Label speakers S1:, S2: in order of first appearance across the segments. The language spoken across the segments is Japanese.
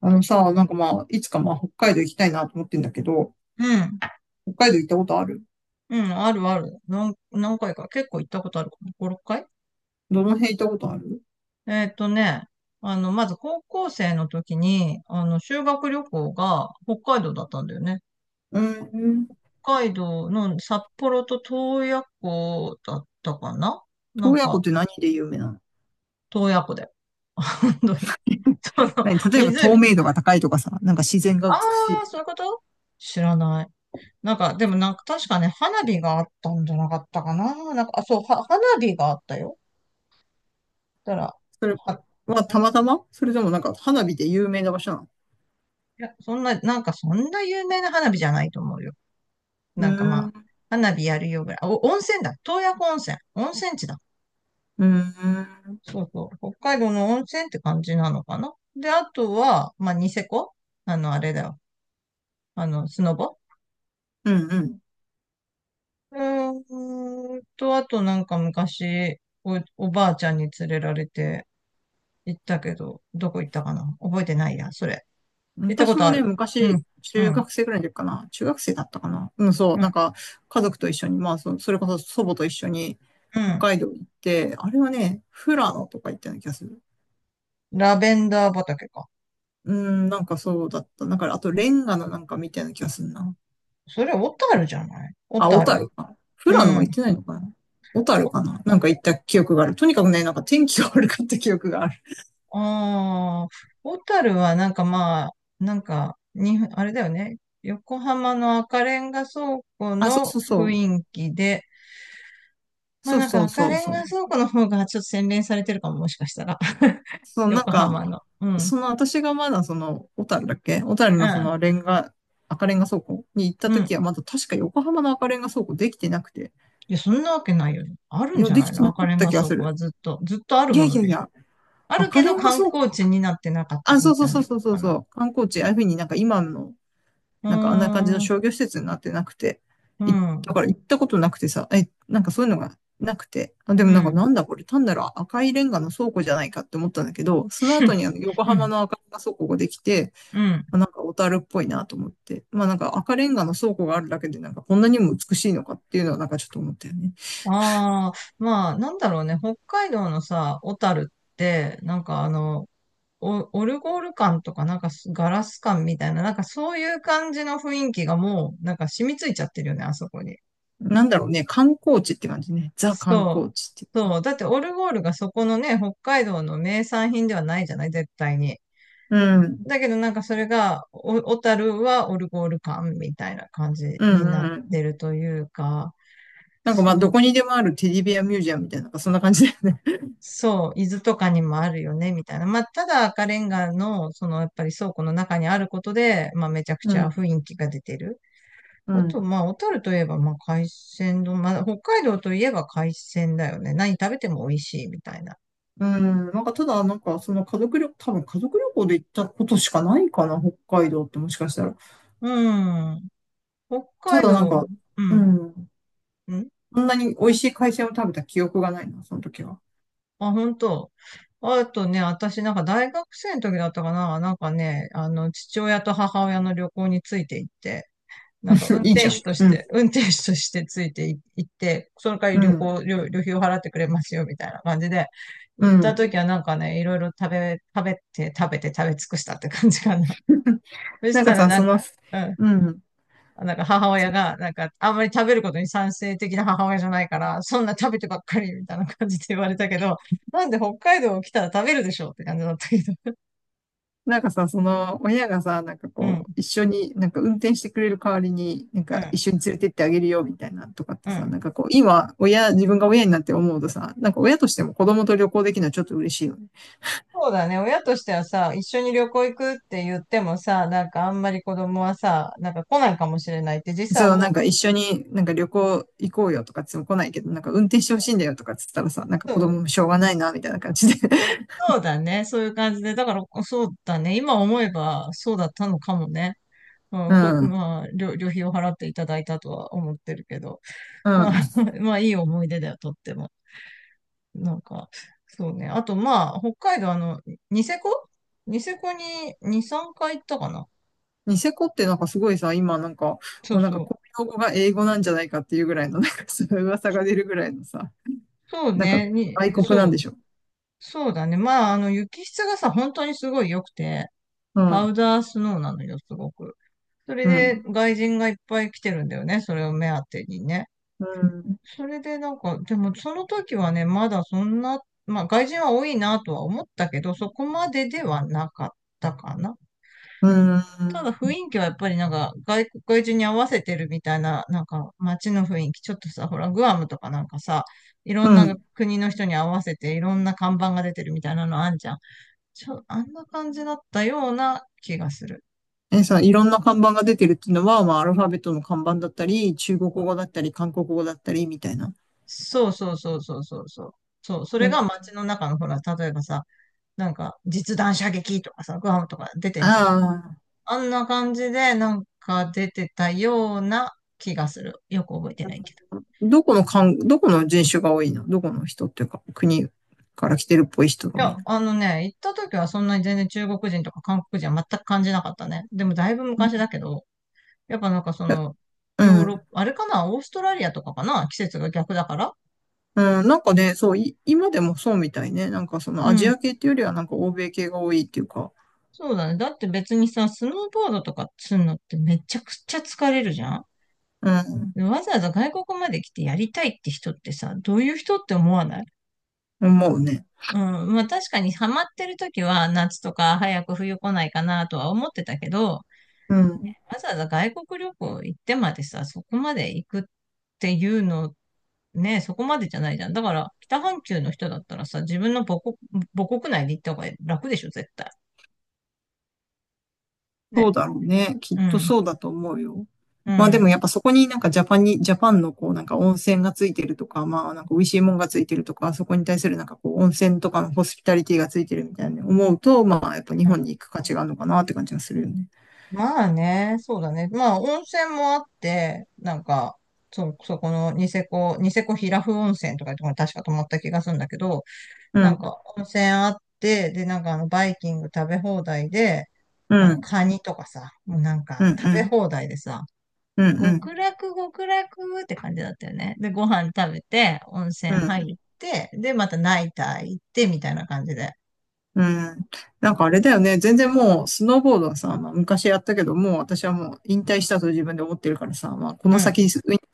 S1: あのさ、なんかまあ、いつかまあ、北海道行きたいなと思ってんだけど、
S2: うん。
S1: 北海道行ったことある？
S2: うん、あるある。何回か。結構行ったことあるかな。5、6回。
S1: どの辺行ったことある？
S2: えーっとね、まず高校生の時に、修学旅行が北海道だったんだよね。
S1: うーん。
S2: 北海道の札幌と洞爺湖だったかな。な
S1: 洞
S2: ん
S1: 爺湖っ
S2: か、
S1: て何で有名なの？
S2: 洞爺湖だよ。本当に。その、
S1: 何、例え
S2: 湖、
S1: ば透明
S2: 湖。
S1: 度が高いとかさ、なんか自然が
S2: あ
S1: 美しい。
S2: あ、そういうこと。知らない。でも確かね、花火があったんじゃなかったかな。あ、そう、は花火があったよ。だか
S1: それ
S2: ら、
S1: はたまたまそれでもなんか花火で有名な場所なの？
S2: いや、そんな有名な花火じゃないと思うよ。
S1: うー
S2: まあ、
S1: ん、
S2: 花火やるよぐらい。あお、温泉だ。洞爺湖温泉。温泉地だ。
S1: うーん、
S2: そうそう。北海道の温泉って感じなのかな。で、あとは、まあ、ニセコ。あれだよ。スノボ。
S1: うん
S2: あとなんか昔、おばあちゃんに連れられて行ったけど、どこ行ったかな、覚えてないや、それ。
S1: うん。
S2: 行ったこ
S1: 私
S2: と
S1: も
S2: あ
S1: ね、
S2: る。うん、
S1: 昔、
S2: う
S1: 中
S2: ん、
S1: 学生ぐらいの時かな。中学生だったかな。うん、そう。
S2: うん、
S1: なんか、家族と一緒に、まあ、それこそ祖母と一緒に、
S2: う
S1: 北
S2: ん。
S1: 海道行って、あれはね、富良野とか行ったような気がする。
S2: ラベンダー畑か。
S1: うん、なんかそうだった。だから、あと、レンガのなんかみたいな気がするな。
S2: それ、小樽じゃない、小
S1: あ、小
S2: 樽。
S1: 樽か。
S2: う
S1: 富良野は
S2: ん。
S1: 行ってないのかな？小樽
S2: お
S1: かな。なんか行った記憶がある。とにかくね、なんか天気が悪かった記憶がある。
S2: ああ、小樽はなんかまあ、あれだよね。横浜の赤レンガ倉庫
S1: あ、そう
S2: の
S1: そうそ
S2: 雰
S1: う。
S2: 囲気で、まあ
S1: そうそう
S2: 赤
S1: そう
S2: レン
S1: そ
S2: ガ
S1: う。
S2: 倉庫の方がちょっと洗練されてるかも、もしかしたら。
S1: そう、なん
S2: 横
S1: か、
S2: 浜の。うん。
S1: その私がまだその、小樽だっけ、小樽
S2: う
S1: のそ
S2: ん。
S1: のレンガ、赤レンガ倉庫に行った
S2: うん。
S1: 時はまだ確か横浜の赤レンガ倉庫できてなくて。
S2: いや、そんなわけないよね。ある
S1: い
S2: ん
S1: や、
S2: じゃ
S1: で
S2: な
S1: き
S2: い
S1: て
S2: の、
S1: な
S2: 赤
S1: かっ
S2: レン
S1: た
S2: ガ
S1: 気が
S2: 倉
S1: す
S2: 庫は
S1: る。
S2: ずっと、ずっとある
S1: いや
S2: も
S1: い
S2: の
S1: やい
S2: でしょ。
S1: や、
S2: ある
S1: 赤
S2: け
S1: レ
S2: ど
S1: ンガ
S2: 観
S1: 倉庫、
S2: 光地になってなかった
S1: あ、そ
S2: み
S1: うそ
S2: た
S1: う
S2: いな
S1: そう
S2: の
S1: そうそう
S2: か
S1: そ
S2: な。
S1: う。観光地、ああいうふうになんか今の
S2: うー
S1: なんかあんな感じの
S2: ん。
S1: 商業施設になってなくて、
S2: う
S1: い
S2: ん。
S1: だから行ったことなくてさ、え、なんかそういうのがなくて、あ、で
S2: う
S1: もなんかな
S2: ん。
S1: んだこれ、単なる赤いレンガの倉庫じゃないかって思ったんだけど、その後 にあの横
S2: う
S1: 浜
S2: ん。
S1: の赤レンガ倉庫ができて、
S2: うん。
S1: まあなんか小樽っぽいなと思って、まあなんか赤レンガの倉庫があるだけでなんかこんなにも美しいのかっていうのはなんかちょっと思ったよね。
S2: ああ、まあ、なんだろうね、北海道のさ、小樽って、オオルゴール感とか、ガラス感みたいな、そういう感じの雰囲気がもう、染みついちゃってるよね、あそこに。
S1: なんだろうね、観光地って感じね。ザ観
S2: そ
S1: 光
S2: う。
S1: 地って。
S2: そう。だってオルゴールがそこのね、北海道の名産品ではないじゃない、絶対に。
S1: うん。
S2: だけどなんかそれが、小樽はオルゴール感みたいな感じ
S1: うん
S2: に
S1: う
S2: な
S1: ん
S2: っ
S1: うん。
S2: てるというか、
S1: なんかまあ
S2: そ
S1: ど
S2: う。
S1: こにでもあるテディベアミュージアムみたいな、なんかそんな感じだよね。
S2: そう、伊豆とかにもあるよね、みたいな。まあ、ただ赤レンガの、その、やっぱり倉庫の中にあることで、まあ、めちゃく
S1: う
S2: ちゃ雰
S1: ん。
S2: 囲気が出てる。
S1: う
S2: あと、
S1: ん。
S2: まあ、小樽といえば、まあ、海鮮丼、まあ、北海道といえば海鮮だよね。何食べても美味しい、みたいな。
S1: うん、なんかただ、なんかその家族旅、多分家族旅行で行ったことしかないかな、北海道ってもしかしたら。
S2: うん。北
S1: た
S2: 海
S1: だなん
S2: 道、
S1: か、
S2: う
S1: う
S2: ん。
S1: ん、
S2: うん。
S1: そんなに美味しい海鮮を食べた記憶がないな、その時は。
S2: あ、本当。あとね、私なんか大学生の時だったかな。なんかね、あの、父親と母親の旅行について行って、なんか運
S1: いいじ
S2: 転
S1: ゃん。
S2: 手とし
S1: うん、
S2: て、運転手としてついてい行って、その代わり、
S1: う
S2: 旅
S1: ん、
S2: 行、旅、旅費を払ってくれますよ、みたいな感じで、
S1: う
S2: 行った
S1: ん。
S2: 時はなんかね、いろいろ食べて、食べて、食べ尽くしたって感じかな。そし
S1: なんか
S2: たら
S1: さ、
S2: な
S1: そ
S2: ん
S1: の、
S2: か、うん、
S1: うん。
S2: なんか母親
S1: そ
S2: が、なんか、あんまり食べることに賛成的な母親じゃないから、そんな食べてばっかり、みたいな感じで言われたけど、なんで北海道来たら食べるでしょうって感じだったけど。
S1: なんかさ、その、親がさ、なんか
S2: う
S1: こう、
S2: ん、
S1: 一緒に、なんか運転してくれる代わりに、なん
S2: う
S1: か
S2: ん、
S1: 一緒に連れてってあげるよ、みたいなとかっ
S2: う
S1: てさ、
S2: ん。
S1: なんかこう、今、親、自分が親になって思うとさ、なんか親としても子供と旅行できるのはちょっと嬉しいよね。
S2: そうだね。親としてはさ、一緒に旅行行くって言ってもさ、なんかあんまり子供はさ、なんか来ないかもしれないって実際
S1: そう、なん
S2: 思
S1: か一緒になんか旅行行こうよとかつも来ないけど、なんか運転してほしいんだよとかっつったらさ、なんか
S2: う。う
S1: 子
S2: ん。
S1: 供もしょうがないな、みたいな感じで。
S2: そうだね。そういう感じで。だから、そうだね。今思えば、そうだったのかもね。う
S1: う
S2: ん、
S1: ん。
S2: まあ、旅費を払っていただいたとは思ってるけど。
S1: う
S2: ま
S1: ん。
S2: あ、まあ、いい思い出だよ、とっても。なんか、そうね。あと、まあ、北海道、あの、ニセコ、ニセコに2、3回行ったかな。
S1: ニセコってなんかすごいさ、今なんか、も
S2: そう
S1: うなんか
S2: そう。
S1: 公用語が英語なんじゃないかっていうぐらいの、なんかそういう噂が出るぐらいのさ、
S2: そう
S1: なんか
S2: ね。に、
S1: 外国な
S2: そ
S1: ん
S2: う。
S1: でしょ？
S2: そうだね。まあ、あの、雪質がさ、本当にすごい良くて、
S1: う
S2: パ
S1: ん。
S2: ウダースノーなのよ、すごく。それ
S1: う
S2: で、
S1: ん。
S2: 外人がいっぱい来てるんだよね。それを目当てにね。
S1: うん。
S2: それで、なんか、でも、その時はね、まだそんな、まあ、外人は多いなとは思ったけど、そこまでではなかったかな。
S1: うん。
S2: ただ、雰囲気はやっぱり、なんか外国、外人に合わせてるみたいな、なんか、街の雰囲気。ちょっとさ、ほら、グアムとかなんかさ、いろ
S1: う
S2: んな
S1: ん。
S2: 国の人に合わせて、いろんな看板が出てるみたいなのあんじゃん。あんな感じだったような気がする。
S1: え、さ、いろんな看板が出てるっていうのは、まあ、アルファベットの看板だったり、中国語だったり、韓国語だったり、みたいな。
S2: そうそうそうそうそうそう。そう、そ
S1: う
S2: れが
S1: ん。
S2: 街の中のほら、例えばさ、なんか実弾射撃とかさ、グアムとか出てん
S1: あ
S2: じゃん。
S1: あ。
S2: あんな感じでなんか出てたような気がする。よく覚えてないけど。
S1: どこの人種が多いの？どこの人っていうか、国から来てるっぽい人
S2: い
S1: が多
S2: や、
S1: いの？
S2: あのね、行った時はそんなに全然中国人とか韓国人は全く感じなかったね。でもだいぶ
S1: う
S2: 昔
S1: ん
S2: だけど、やっぱなんかその、
S1: う
S2: ヨーロッ
S1: ん。
S2: パ、あれかな、オーストラリアとかかな、季節が逆だから。
S1: なんかね、そう、今でもそうみたいね。なんかその
S2: う
S1: アジ
S2: ん。
S1: ア系っていうよりはなんか欧米系が多いっていうか、
S2: そうだね。だって別にさ、スノーボードとかするのってめちゃくちゃ疲れるじゃん。
S1: うん、
S2: でわざわざ外国まで来てやりたいって人ってさ、どういう人って思わない？
S1: 思うね。
S2: うん。まあ確かにハマってる時は夏とか早く冬来ないかなとは思ってたけど、
S1: うん。
S2: わざわざ外国旅行行ってまでさ、そこまで行くっていうの、ね、そこまでじゃないじゃん。だから北半球の人だったらさ、自分の母国、母国内で行った方が楽でしょ、絶対。
S1: そう
S2: ね。
S1: だろうね。きっ
S2: う
S1: と
S2: ん。
S1: そうだと思うよ。
S2: う
S1: まあでもや
S2: ん。
S1: っ
S2: う
S1: ぱそこになんかジャパンに、ジャパンのこうなんか温泉がついてるとか、まあなんか美味しいもんがついてるとか、そこに対するなんかこう温泉とかのホスピタリティがついてるみたいな思うと、まあやっぱ日本に
S2: ん。
S1: 行く価値があるのかなって感じがするよね。
S2: まあね、そうだね。まあ、温泉もあって、なんか、そこのニセコ、ニセコ平布温泉とかいうところに確か泊まった気がするんだけど、
S1: う
S2: なん
S1: ん、
S2: か温泉あって、で、なんかあの、バイキング食べ放題で、
S1: う
S2: あ
S1: ん、う
S2: の、
S1: ん、
S2: カニとかさ、もうなん
S1: う
S2: か食べ
S1: ん、
S2: 放題でさ、
S1: うん、うん、
S2: 極楽極楽って感じだったよね。で、ご飯食べて、温泉
S1: うん。
S2: 入って、で、またナイター行って、みたいな感じで。
S1: うん。なんかあれだよね。全然もう、スノーボードはさ、まあ、昔やったけど、もう私はもう引退したと自分で思ってるからさ、まあ、こ
S2: う
S1: の先
S2: ん、
S1: ィ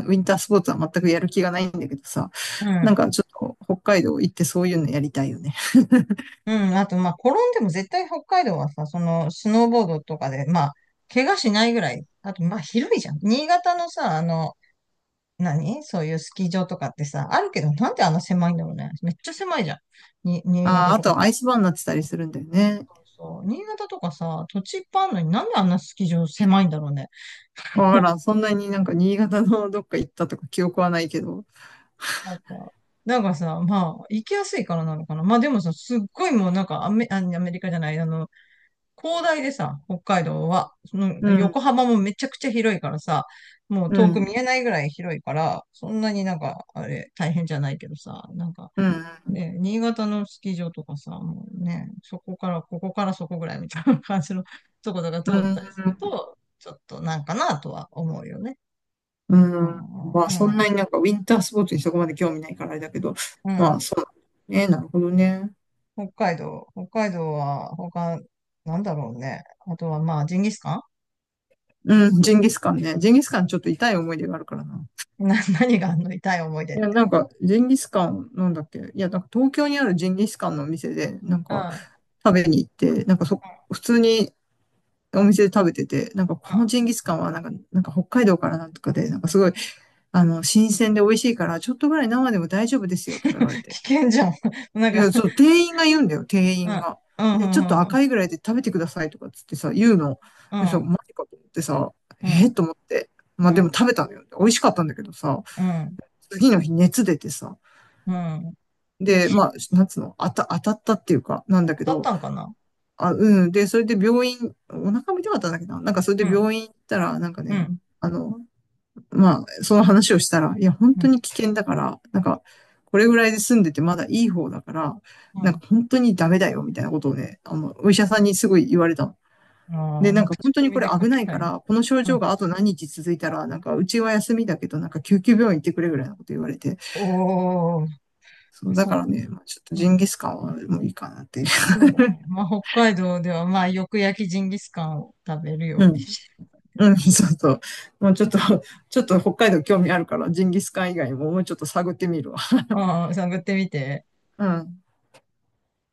S1: ン、ウィンタースポーツは全くやる気がないんだけどさ、
S2: う
S1: なん
S2: ん。
S1: かちょっと北海道行ってそういうのやりたいよね。
S2: うん、あと、まあ、転んでも絶対北海道はさ、その、スノーボードとかで、まあ、怪我しないぐらい。あと、まあ、広いじゃん。新潟のさ、あの、何そういうスキー場とかってさ、あるけど、なんであんな狭いんだろうね。めっちゃ狭いじゃん。新
S1: あ
S2: 潟
S1: あ、あ
S2: と
S1: と
S2: か
S1: はア
S2: 結
S1: イスバーンになってたりするんだよね。
S2: 構そう。新潟とかさ、土地いっぱいあるのになんであんなスキー場狭いんだろうね。
S1: わか らん。そんなになんか新潟のどっか行ったとか記憶はないけど。
S2: なんか、なんかさ、まあ、行きやすいからなのかな。まあでもさ、すっごいもうなんかアメリカじゃない、あの、広大でさ、北海道は、その
S1: うん、
S2: 横浜もめちゃくちゃ広いからさ、もう
S1: う
S2: 遠く見
S1: ん、
S2: えないぐらい広いから、そんなになんか、あれ、大変じゃないけどさ、なんか、
S1: うん、うん、
S2: ね、新潟のスキー場とかさ、もうね、そこから、ここからそこぐらいみたいな感じの ところが通
S1: う
S2: ったりする
S1: ん
S2: と、ちょっとなんかなとは思うよね。
S1: う
S2: う
S1: ーん。
S2: ん、うん、
S1: まあ、そん
S2: うん。
S1: なになんかウィンタースポーツにそこまで興味ないからあれだけど、
S2: う
S1: ま
S2: ん。
S1: あ、そう。ね、なるほどね。
S2: 北海道、北海道は他、なんだろうね。あとはまあ、ジンギスカ
S1: うん、ジンギスカンね。ジンギスカンちょっと痛い思い出があるからな。
S2: ンな、何があんの、痛い思い出
S1: い
S2: っ
S1: や、
S2: て。
S1: なんか、ジンギスカン、なんだっけ。いや、なんか東京にあるジンギスカンのお店で、なん
S2: うん。
S1: か
S2: う
S1: 食べに行って、なんか普通にお店で食べてて、なんかこのジ
S2: ん。
S1: ンギスカンはなんか、なんか北海道からなんとかで、なんかすごい、新鮮で美味しいから、ちょっとぐらい生でも大丈夫ですよとか言われて。
S2: 危険じゃん。なん
S1: い
S2: か、
S1: や、そう、店員が言うんだよ、店
S2: う
S1: 員
S2: ん、
S1: が。で、ちょっと
S2: うん、
S1: 赤いぐらいで食べてくださいとかっつってさ、言うの。
S2: う
S1: でさ、
S2: ん、
S1: マジかと思ってさ、
S2: う
S1: えー、
S2: ん、
S1: と思って。
S2: う
S1: まあ
S2: ん、う
S1: で
S2: ん、
S1: も食べたのよ。美味しかったんだけどさ、
S2: うん、
S1: 次の日熱出てさ。
S2: うん、うん。
S1: で、まあ、なんつうの、当たったっていうか、なんだ
S2: 当
S1: け
S2: たっ
S1: ど、
S2: たんかな。
S1: あ、うん。で、それで病院、お腹も痛かったんだけどな、なんかそれ
S2: う
S1: で
S2: ん、
S1: 病院行ったら、なんか
S2: う
S1: ね、
S2: ん、
S1: あの、まあ、その話をしたら、いや、本
S2: う
S1: 当
S2: ん、
S1: に危険だから、なんか、これぐらいで住んでてまだいい方だから、
S2: う
S1: なんか
S2: ん。
S1: 本当にダメだよ、みたいなことをね、お医者さんにすごい言われたの。
S2: ああ、
S1: で、なん
S2: もう
S1: か本
S2: 口
S1: 当
S2: コ
S1: にこ
S2: ミ
S1: れ
S2: で書
S1: 危
S2: き
S1: ない
S2: た
S1: か
S2: いな。
S1: ら、この症
S2: う
S1: 状
S2: ん。
S1: があと何日続いたら、なんかうちは休みだけど、なんか救急病院行ってくれぐらいのこと言われて、
S2: おー、
S1: そう、だ
S2: そ
S1: か
S2: う、
S1: らね、まあ、ちょっと
S2: う
S1: ジ
S2: ん、
S1: ンギスカンはもういいかなっていう。
S2: そうだね。まあ、北海道では、まあ、よく焼きジンギスカンを食べる よう
S1: う
S2: に
S1: ん。
S2: し。
S1: うん、そうそう。もうちょっと、ちょっと北海道興味あるから、ジンギスカン以外ももうちょっと探ってみるわ。
S2: ああ、探ってみて。
S1: うん。